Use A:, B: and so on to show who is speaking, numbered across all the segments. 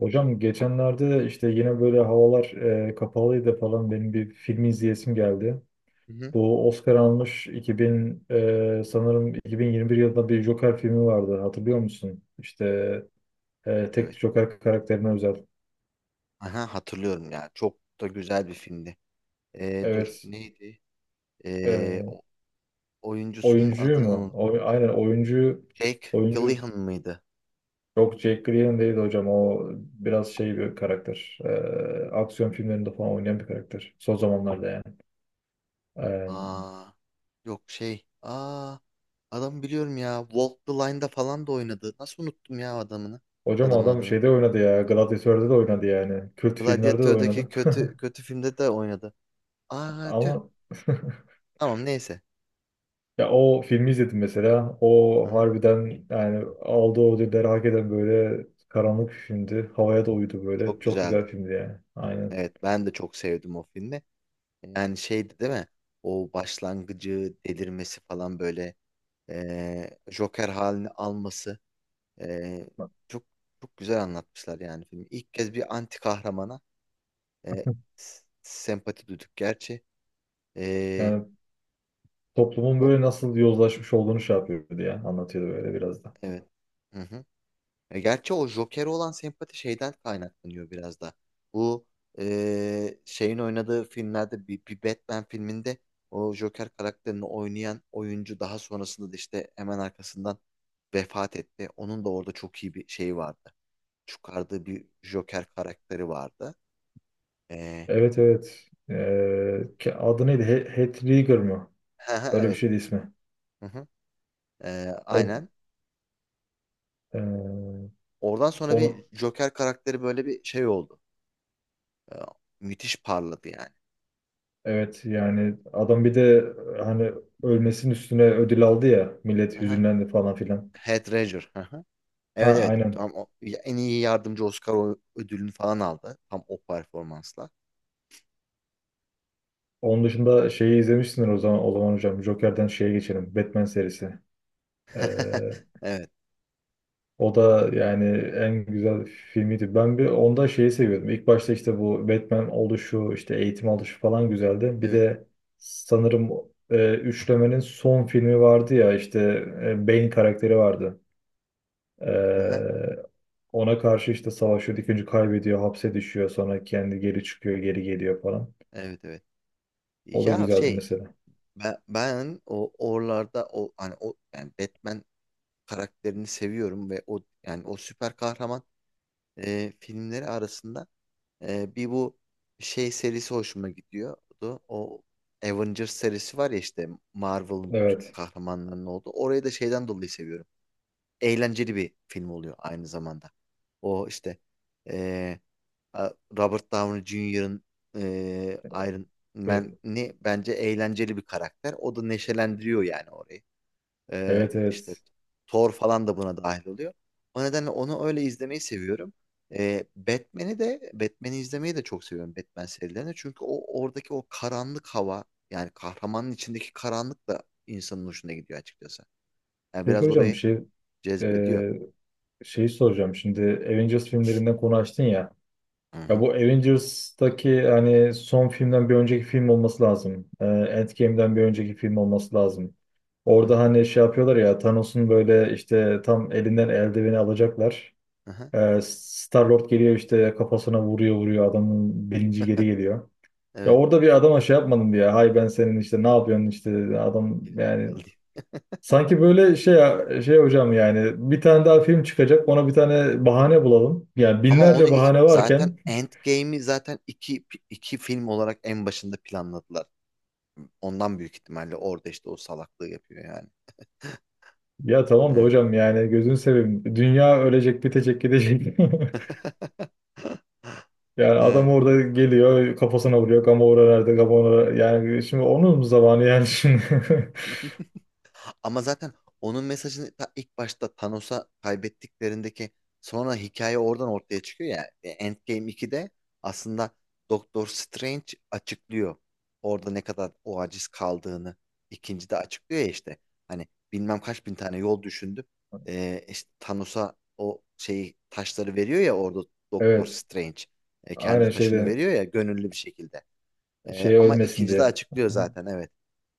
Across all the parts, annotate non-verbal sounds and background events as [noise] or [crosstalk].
A: Hocam geçenlerde işte yine böyle havalar kapalıydı falan, benim bir film izleyesim geldi.
B: Hı hı.
A: Bu Oscar almış 2000, sanırım 2021 yılında bir Joker filmi vardı, hatırlıyor musun? İşte
B: Evet.
A: tek Joker karakterine özel.
B: Aha, hatırlıyorum ya. Çok da güzel bir filmdi. Dur
A: Evet.
B: neydi? Ee,
A: E,
B: o- oyuncusunun
A: oyuncuyu
B: adını
A: mu?
B: unut-
A: O, aynen. oyuncu
B: Jake
A: oyuncu
B: Gyllenhaal mıydı?
A: yok, Jack Gleeson değil hocam, o biraz şey bir karakter. Aksiyon filmlerinde falan oynayan bir karakter. Son zamanlarda yani.
B: Aa, yok şey. Aa, adamı biliyorum ya. Walk the Line'da falan da oynadı. Nasıl unuttum ya adamını?
A: Hocam
B: Adamın
A: adam
B: adını.
A: şeyde oynadı ya. Gladiatör'de de oynadı yani. Kült filmlerde de
B: Gladiator'daki
A: oynadı.
B: kötü
A: [laughs]
B: kötü filmde de oynadı. Aa, tüh.
A: Ama [laughs]
B: Tamam neyse.
A: ya o filmi izledim mesela. O
B: Aha,
A: harbiden, yani aldığı ödülleri hak eden, böyle karanlık düşündü. Havaya da uyudu böyle.
B: çok
A: Çok
B: güzeldi.
A: güzel filmdi yani. Aynen.
B: Evet ben de çok sevdim o filmi. Yani şeydi değil mi? O başlangıcı delirmesi falan böyle Joker halini alması eee, çok çok güzel anlatmışlar yani filmi. İlk kez bir anti kahramana eee,
A: [laughs]
B: sempati duyduk. Gerçi eee,
A: Yani toplumun
B: o
A: böyle nasıl yozlaşmış olduğunu şey yapıyordu ya. Anlatıyordu böyle biraz da.
B: evet. Hı hı. Gerçi o Joker'e olan sempati şeyden kaynaklanıyor biraz da. Bu şeyin oynadığı filmlerde bir Batman filminde o Joker karakterini oynayan oyuncu daha sonrasında da işte hemen arkasından vefat etti. Onun da orada çok iyi bir şeyi vardı. Çıkardığı bir Joker karakteri vardı. E,
A: Evet, evet. Adı neydi? Heath Ledger mı?
B: [laughs]
A: Öyle bir
B: evet.
A: şeydi ismi.
B: Hı hı. E,
A: O
B: aynen.
A: Ee,
B: Oradan sonra bir
A: onu
B: Joker karakteri böyle bir şey oldu. E, müthiş parladı yani.
A: evet, yani adam bir de hani ölmesinin üstüne ödül aldı ya, millet
B: Hı hı.
A: hüzünlendi falan filan.
B: Heath Ledger. [laughs]
A: Ha,
B: Evet evet.
A: aynen.
B: En iyi yardımcı Oscar ödülünü falan aldı. Tam o performansla.
A: Onun dışında şeyi izlemişsindir o zaman. O zaman hocam Joker'den şeye geçelim, Batman serisi. Ee,
B: [laughs] Evet,
A: o da yani en güzel filmiydi. Ben bir onda şeyi seviyordum. İlk başta işte bu Batman oluşu, işte eğitim alışu falan güzeldi. Bir
B: evet.
A: de sanırım üçlemenin son filmi vardı ya, işte Bane karakteri vardı.
B: Aha,
A: Ee, Ona karşı işte savaşıyor, dikince kaybediyor, hapse düşüyor, sonra kendi geri çıkıyor, geri geliyor falan.
B: evet, evet.
A: O da
B: Ya
A: güzeldi
B: şey
A: mesela.
B: ben o oralarda o hani o yani Batman karakterini seviyorum ve o yani o süper kahraman filmleri arasında bir bu şey serisi hoşuma gidiyordu. O Avengers serisi var ya işte Marvel'ın bütün
A: Evet.
B: kahramanlarının olduğu. Orayı da şeyden dolayı seviyorum. Eğlenceli bir film oluyor aynı zamanda. O işte eee, a- Robert Downey Jr.'ın Iron
A: Ve-
B: Man'i bence eğlenceli bir karakter. O da neşelendiriyor yani orayı.
A: evet,
B: İşte
A: evet.
B: Thor falan da buna dahil oluyor. O nedenle onu öyle izlemeyi seviyorum. Batman'i izlemeyi de çok seviyorum Batman serilerini. Çünkü o oradaki o karanlık hava yani kahramanın içindeki karanlık da insanın hoşuna gidiyor açıkçası. Yani
A: Peki
B: biraz
A: hocam bir
B: orayı
A: şey
B: cezbediyor.
A: e, şeyi soracağım. Şimdi Avengers filmlerinden konu açtın ya.
B: Hı
A: Ya
B: hı.
A: bu Avengers'taki hani son filmden bir önceki film olması lazım. Endgame'den bir önceki film olması lazım.
B: Hı
A: Orada
B: hı.
A: hani şey yapıyorlar ya, Thanos'un böyle işte tam elinden eldiveni alacaklar.
B: Aha.
A: Star-Lord geliyor, işte kafasına vuruyor adamın bilinci geri geliyor. Ya
B: Evet.
A: orada bir adama şey yapmadım diye. Hay ben senin işte ne yapıyorsun işte adam
B: Gelecek
A: yani,
B: kaldı.
A: sanki böyle şey, şey hocam yani bir tane daha film çıkacak, ona bir tane bahane bulalım. Yani
B: Ama
A: binlerce bahane
B: zaten
A: varken.
B: Endgame'i zaten iki film olarak en başında planladılar. Ondan büyük ihtimalle orada işte o salaklığı yapıyor yani.
A: Ya tamam da
B: Evet.
A: hocam yani gözünü seveyim. Dünya ölecek, bitecek, gidecek. [laughs]
B: [laughs]
A: Yani adam
B: Evet.
A: orada geliyor, kafasına vuruyor. Gamora nerede, Gamora? Yani şimdi onun zamanı, yani şimdi. [laughs]
B: Ama zaten onun mesajını ta ilk başta Thanos'a kaybettiklerindeki sonra hikaye oradan ortaya çıkıyor ya. Endgame 2'de aslında Doktor Strange açıklıyor. Orada ne kadar o aciz kaldığını ikinci de açıklıyor ya işte. Hani bilmem kaç bin tane yol düşündüm. İşte Thanos'a o şeyi taşları veriyor ya orada Doktor
A: Evet.
B: Strange. Kendi
A: Aynen
B: taşını
A: şeyde
B: veriyor ya gönüllü bir şekilde.
A: şey
B: Ama
A: ölmesin
B: ikinci de
A: diye.
B: açıklıyor
A: Hı.
B: zaten evet.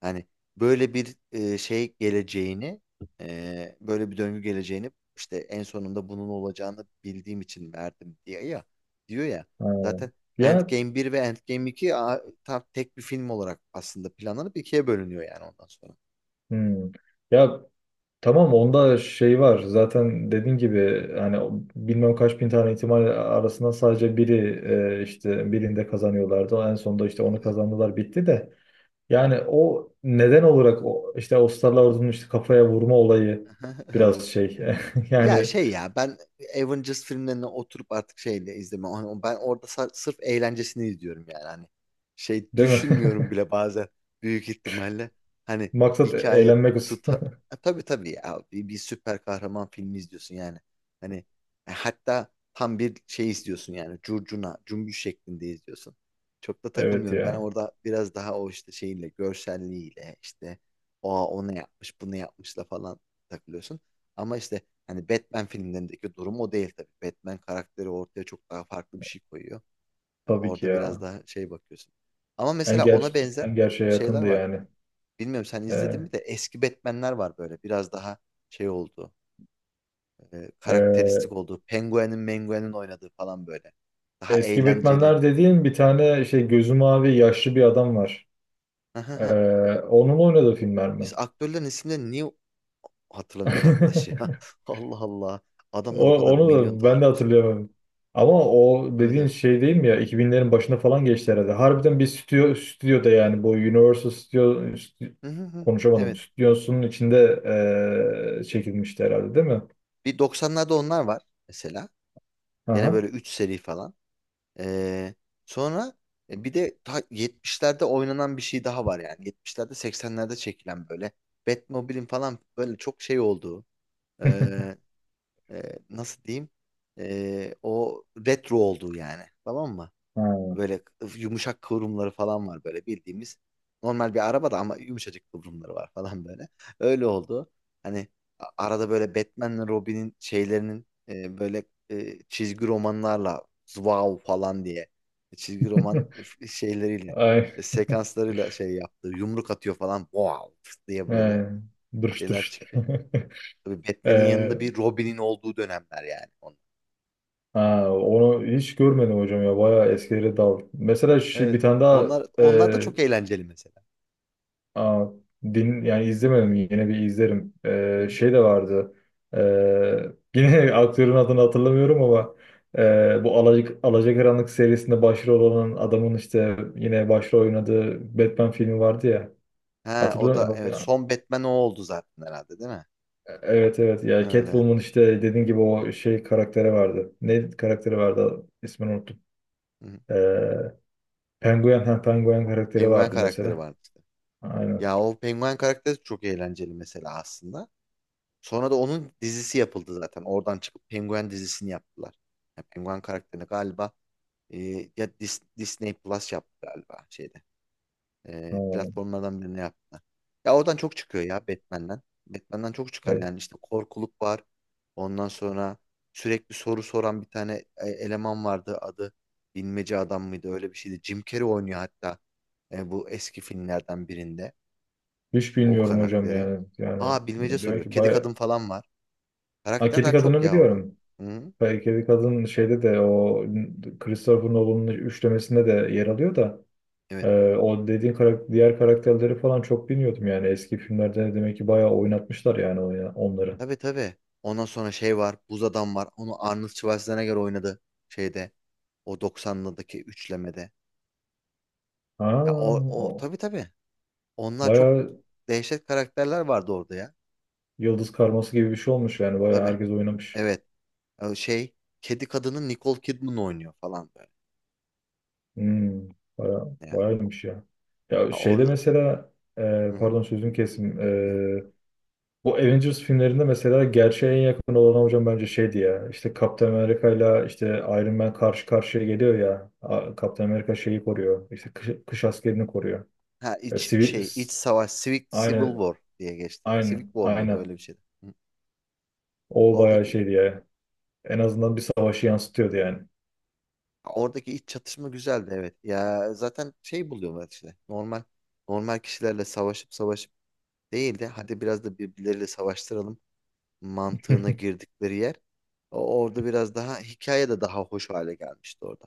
B: Hani böyle bir şey geleceğini, böyle bir döngü geleceğini işte en sonunda bunun olacağını bildiğim için verdim diye ya diyor ya.
A: Ha.
B: Zaten
A: Ya,
B: Endgame bir ve Endgame 2 tam tek bir film olarak aslında planlanıp ikiye bölünüyor yani ondan sonra.
A: hmm. Ya tamam, onda şey var. Zaten dediğin gibi hani o bilmem kaç bin tane ihtimal arasında sadece biri
B: Hı.
A: işte birinde kazanıyorlardı. En sonunda işte onu
B: Evet.
A: kazandılar, bitti de. Yani o neden olarak o, işte Oscar'la ordunun işte kafaya vurma olayı biraz
B: [laughs]
A: şey. [laughs]
B: Ya
A: yani
B: şey ya ben Avengers filmlerini oturup artık şeyle izleme. Hani ben orada sırf eğlencesini izliyorum yani hani. Şey
A: değil mi?
B: düşünmüyorum
A: [laughs]
B: bile bazen büyük ihtimalle. Hani
A: Maksat
B: hikaye
A: eğlenmek olsun.
B: tuta...
A: [laughs]
B: Ha, tabii tabii ya bir süper kahraman filmi izliyorsun yani. Hani hatta tam bir şey izliyorsun yani curcuna, cümbüş şeklinde izliyorsun. Çok da
A: Evet
B: takılmıyorum. Ben
A: ya,
B: orada biraz daha o işte şeyle, görselliğiyle işte o onu yapmış, bunu yapmışla falan takılıyorsun. Ama işte hani Batman filmlerindeki durum o değil tabii. Batman karakteri ortaya çok daha farklı bir şey koyuyor. Ya
A: tabii ki
B: orada biraz
A: ya.
B: daha şey bakıyorsun. Ama mesela ona benzer
A: En gerçeğe
B: şeyler
A: yakındı
B: vardı.
A: yani.
B: Bilmiyorum sen izledin
A: Ee,
B: mi de eski Batman'ler var böyle. Biraz daha şey oldu,
A: e,
B: karakteristik olduğu. Penguin'in Menguin'in oynadığı falan böyle. Daha
A: eski
B: eğlenceli.
A: Batman'ler dediğin bir tane şey, gözü mavi yaşlı bir adam var. Ee,
B: [laughs]
A: onun oynadığı filmler mi?
B: Biz aktörlerin isimlerini niye hatırlamıyoruz arkadaş ya?
A: [laughs]
B: [laughs] Allah Allah. Adamlar o
A: O,
B: kadar
A: onu
B: milyon
A: da ben
B: dolarlık
A: de
B: iş yapıyor.
A: hatırlayamadım. Ama o
B: Evet
A: dediğin
B: evet.
A: şey değil mi ya? 2000'lerin başına falan geçti herhalde. Harbiden bir stüdyo, stüdyoda yani, bu Universal Studio,
B: Hı hı hı.
A: konuşamadım.
B: Evet.
A: Stüdyosunun içinde çekilmişti herhalde değil mi?
B: Bir 90'larda onlar var mesela. Gene
A: Aha.
B: böyle 3 seri falan. Ee, sonra bir de ta 70'lerde oynanan bir şey daha var yani. 70'lerde 80'lerde çekilen böyle Batmobile'in falan böyle çok şey olduğu ee, nasıl diyeyim. O retro olduğu yani. Tamam mı?
A: Ha.
B: Böyle yumuşak kıvrımları falan var böyle bildiğimiz. Normal bir araba da ama yumuşacık kıvrımları var falan böyle. Öyle oldu. Hani arada böyle Batman'le Robin'in şeylerinin böyle çizgi romanlarla wow falan diye çizgi roman
A: [laughs]
B: şeyleriyle
A: Ay,
B: sekanslarıyla şey yaptığı yumruk atıyor falan wow diye böyle
A: he. Dırış
B: şeyler
A: dırış.
B: çıkıyor.
A: [laughs]
B: Tabii Batman'in yanında
A: Eee,
B: bir Robin'in olduğu dönemler yani onlar.
A: ha, onu hiç görmedim hocam ya. Bayağı
B: [laughs]
A: eskilere dal. Mesela şu, bir
B: Evet.
A: tane daha.
B: Onlar da çok eğlenceli mesela.
A: Aa, din yani izlemedim, yine bir izlerim. Şey de vardı. Ee, yine [laughs] aktörün adını hatırlamıyorum ama bu Alacakaranlık serisinde başrol olan adamın işte yine başrol oynadığı Batman filmi vardı ya.
B: Ha o
A: Hatırlıyor
B: da evet
A: musun?
B: son Batman o oldu zaten herhalde değil mi?
A: Evet, evet ya,
B: Evet. Evet.
A: Catwoman işte dediğin gibi
B: Hı,
A: o şey karakteri vardı. Ne karakteri vardı? İsmini unuttum.
B: hı.
A: Ee, Penguin, ha Penguin karakteri
B: Penguen
A: vardı
B: karakteri
A: mesela.
B: vardı işte.
A: Aynen.
B: Ya o penguen karakteri çok eğlenceli mesela aslında. Sonra da onun dizisi yapıldı zaten. Oradan çıkıp penguen dizisini yaptılar. Ya penguen karakterini galiba e, ya Disney Plus yaptı galiba şeyde.
A: Ha,
B: Platformlardan birine yaptılar. Ya oradan çok çıkıyor ya Batman'den. Batman'den çok çıkar
A: evet.
B: yani işte korkuluk var. Ondan sonra sürekli soru soran bir tane eleman vardı. Adı bilmece adam mıydı öyle bir şeydi. Jim Carrey oynuyor hatta bu eski filmlerden birinde
A: Hiç
B: o
A: bilmiyorum hocam
B: karakteri.
A: yani. Yani
B: Aa bilmece
A: diyorum
B: soruyor.
A: ki
B: Kedi
A: bayağı...
B: kadın falan var.
A: Ha, Kedi
B: Karakterler çok
A: Kadın'ı
B: ya orada.
A: biliyorum.
B: Hı?
A: Kedi Kadın şeyde de o Christopher Nolan'ın üçlemesinde de yer alıyor da
B: Evet.
A: o dediğin diğer karakterleri falan çok bilmiyordum yani. Eski filmlerde demek ki bayağı oynatmışlar yani, onları.
B: Tabii tabii. Ondan sonra şey var. Buz adam var. Onu Arnold Schwarzenegger oynadı şeyde. O 90'lardaki üçlemede.
A: Ha,
B: Ya o
A: o.
B: tabii tabii. Onlar çok
A: Bayağı
B: dehşet karakterler vardı orada ya.
A: yıldız karması gibi bir şey olmuş yani. Bayağı
B: Tabii.
A: herkes oynamış.
B: Evet. Ya şey kedi kadını Nicole Kidman oynuyor falan böyle.
A: Hmm,
B: Ya.
A: bayağıymış ya. Ya
B: Ha,
A: şeyde
B: orada.
A: mesela
B: Hı hı.
A: pardon, sözüm kesim.
B: Yok.
A: Bu Avengers filmlerinde mesela gerçeğe en yakın olan hocam bence şeydi ya. İşte Kaptan Amerika ile işte Iron Man karşı karşıya geliyor ya. Kaptan Amerika şeyi koruyor. İşte kış askerini koruyor.
B: Ha
A: E,
B: iç
A: sivil,
B: şey iç
A: s-
B: savaş Civil
A: aynen,
B: War diye geçti. Civic
A: aynen,
B: War mıydı öyle
A: aynen.
B: bir şeydi. Hı.
A: O bayağı
B: Oradaki
A: şeydi ya. En azından bir savaşı yansıtıyordu yani.
B: oradaki iç çatışma güzeldi evet. Ya zaten şey buluyorlar işte. Normal kişilerle savaşıp savaşıp değil de hadi biraz da birbirleriyle savaştıralım. Mantığına
A: [laughs]
B: girdikleri yer. Orada biraz daha hikaye de daha hoş hale gelmişti orada.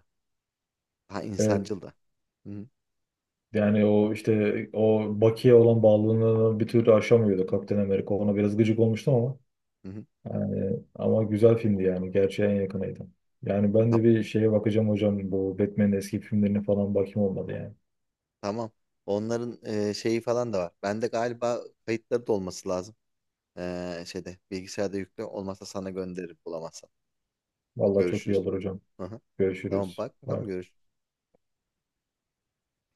B: Daha
A: Evet.
B: insancıl da. Hı hı.
A: Yani o işte o Bucky'ye olan bağlılığını bir türlü aşamıyordu Kaptan Amerika. Ona biraz gıcık olmuştum ama.
B: Hı.
A: Yani, ama güzel filmdi yani. Gerçeğe en yakınıydı. Yani ben de bir şeye bakacağım hocam. Bu Batman'in eski filmlerine falan bakayım, olmadı yani.
B: Tamam. Onların şeyi falan da var. Bende galiba kayıtları da olması lazım. Şeyde bilgisayarda yüklü. Olmazsa sana gönderirim bulamazsan.
A: Vallahi çok iyi
B: Görüşürüz.
A: olur hocam.
B: Hı hı. Tamam
A: Görüşürüz.
B: bak bakalım
A: Bye.
B: görüşürüz.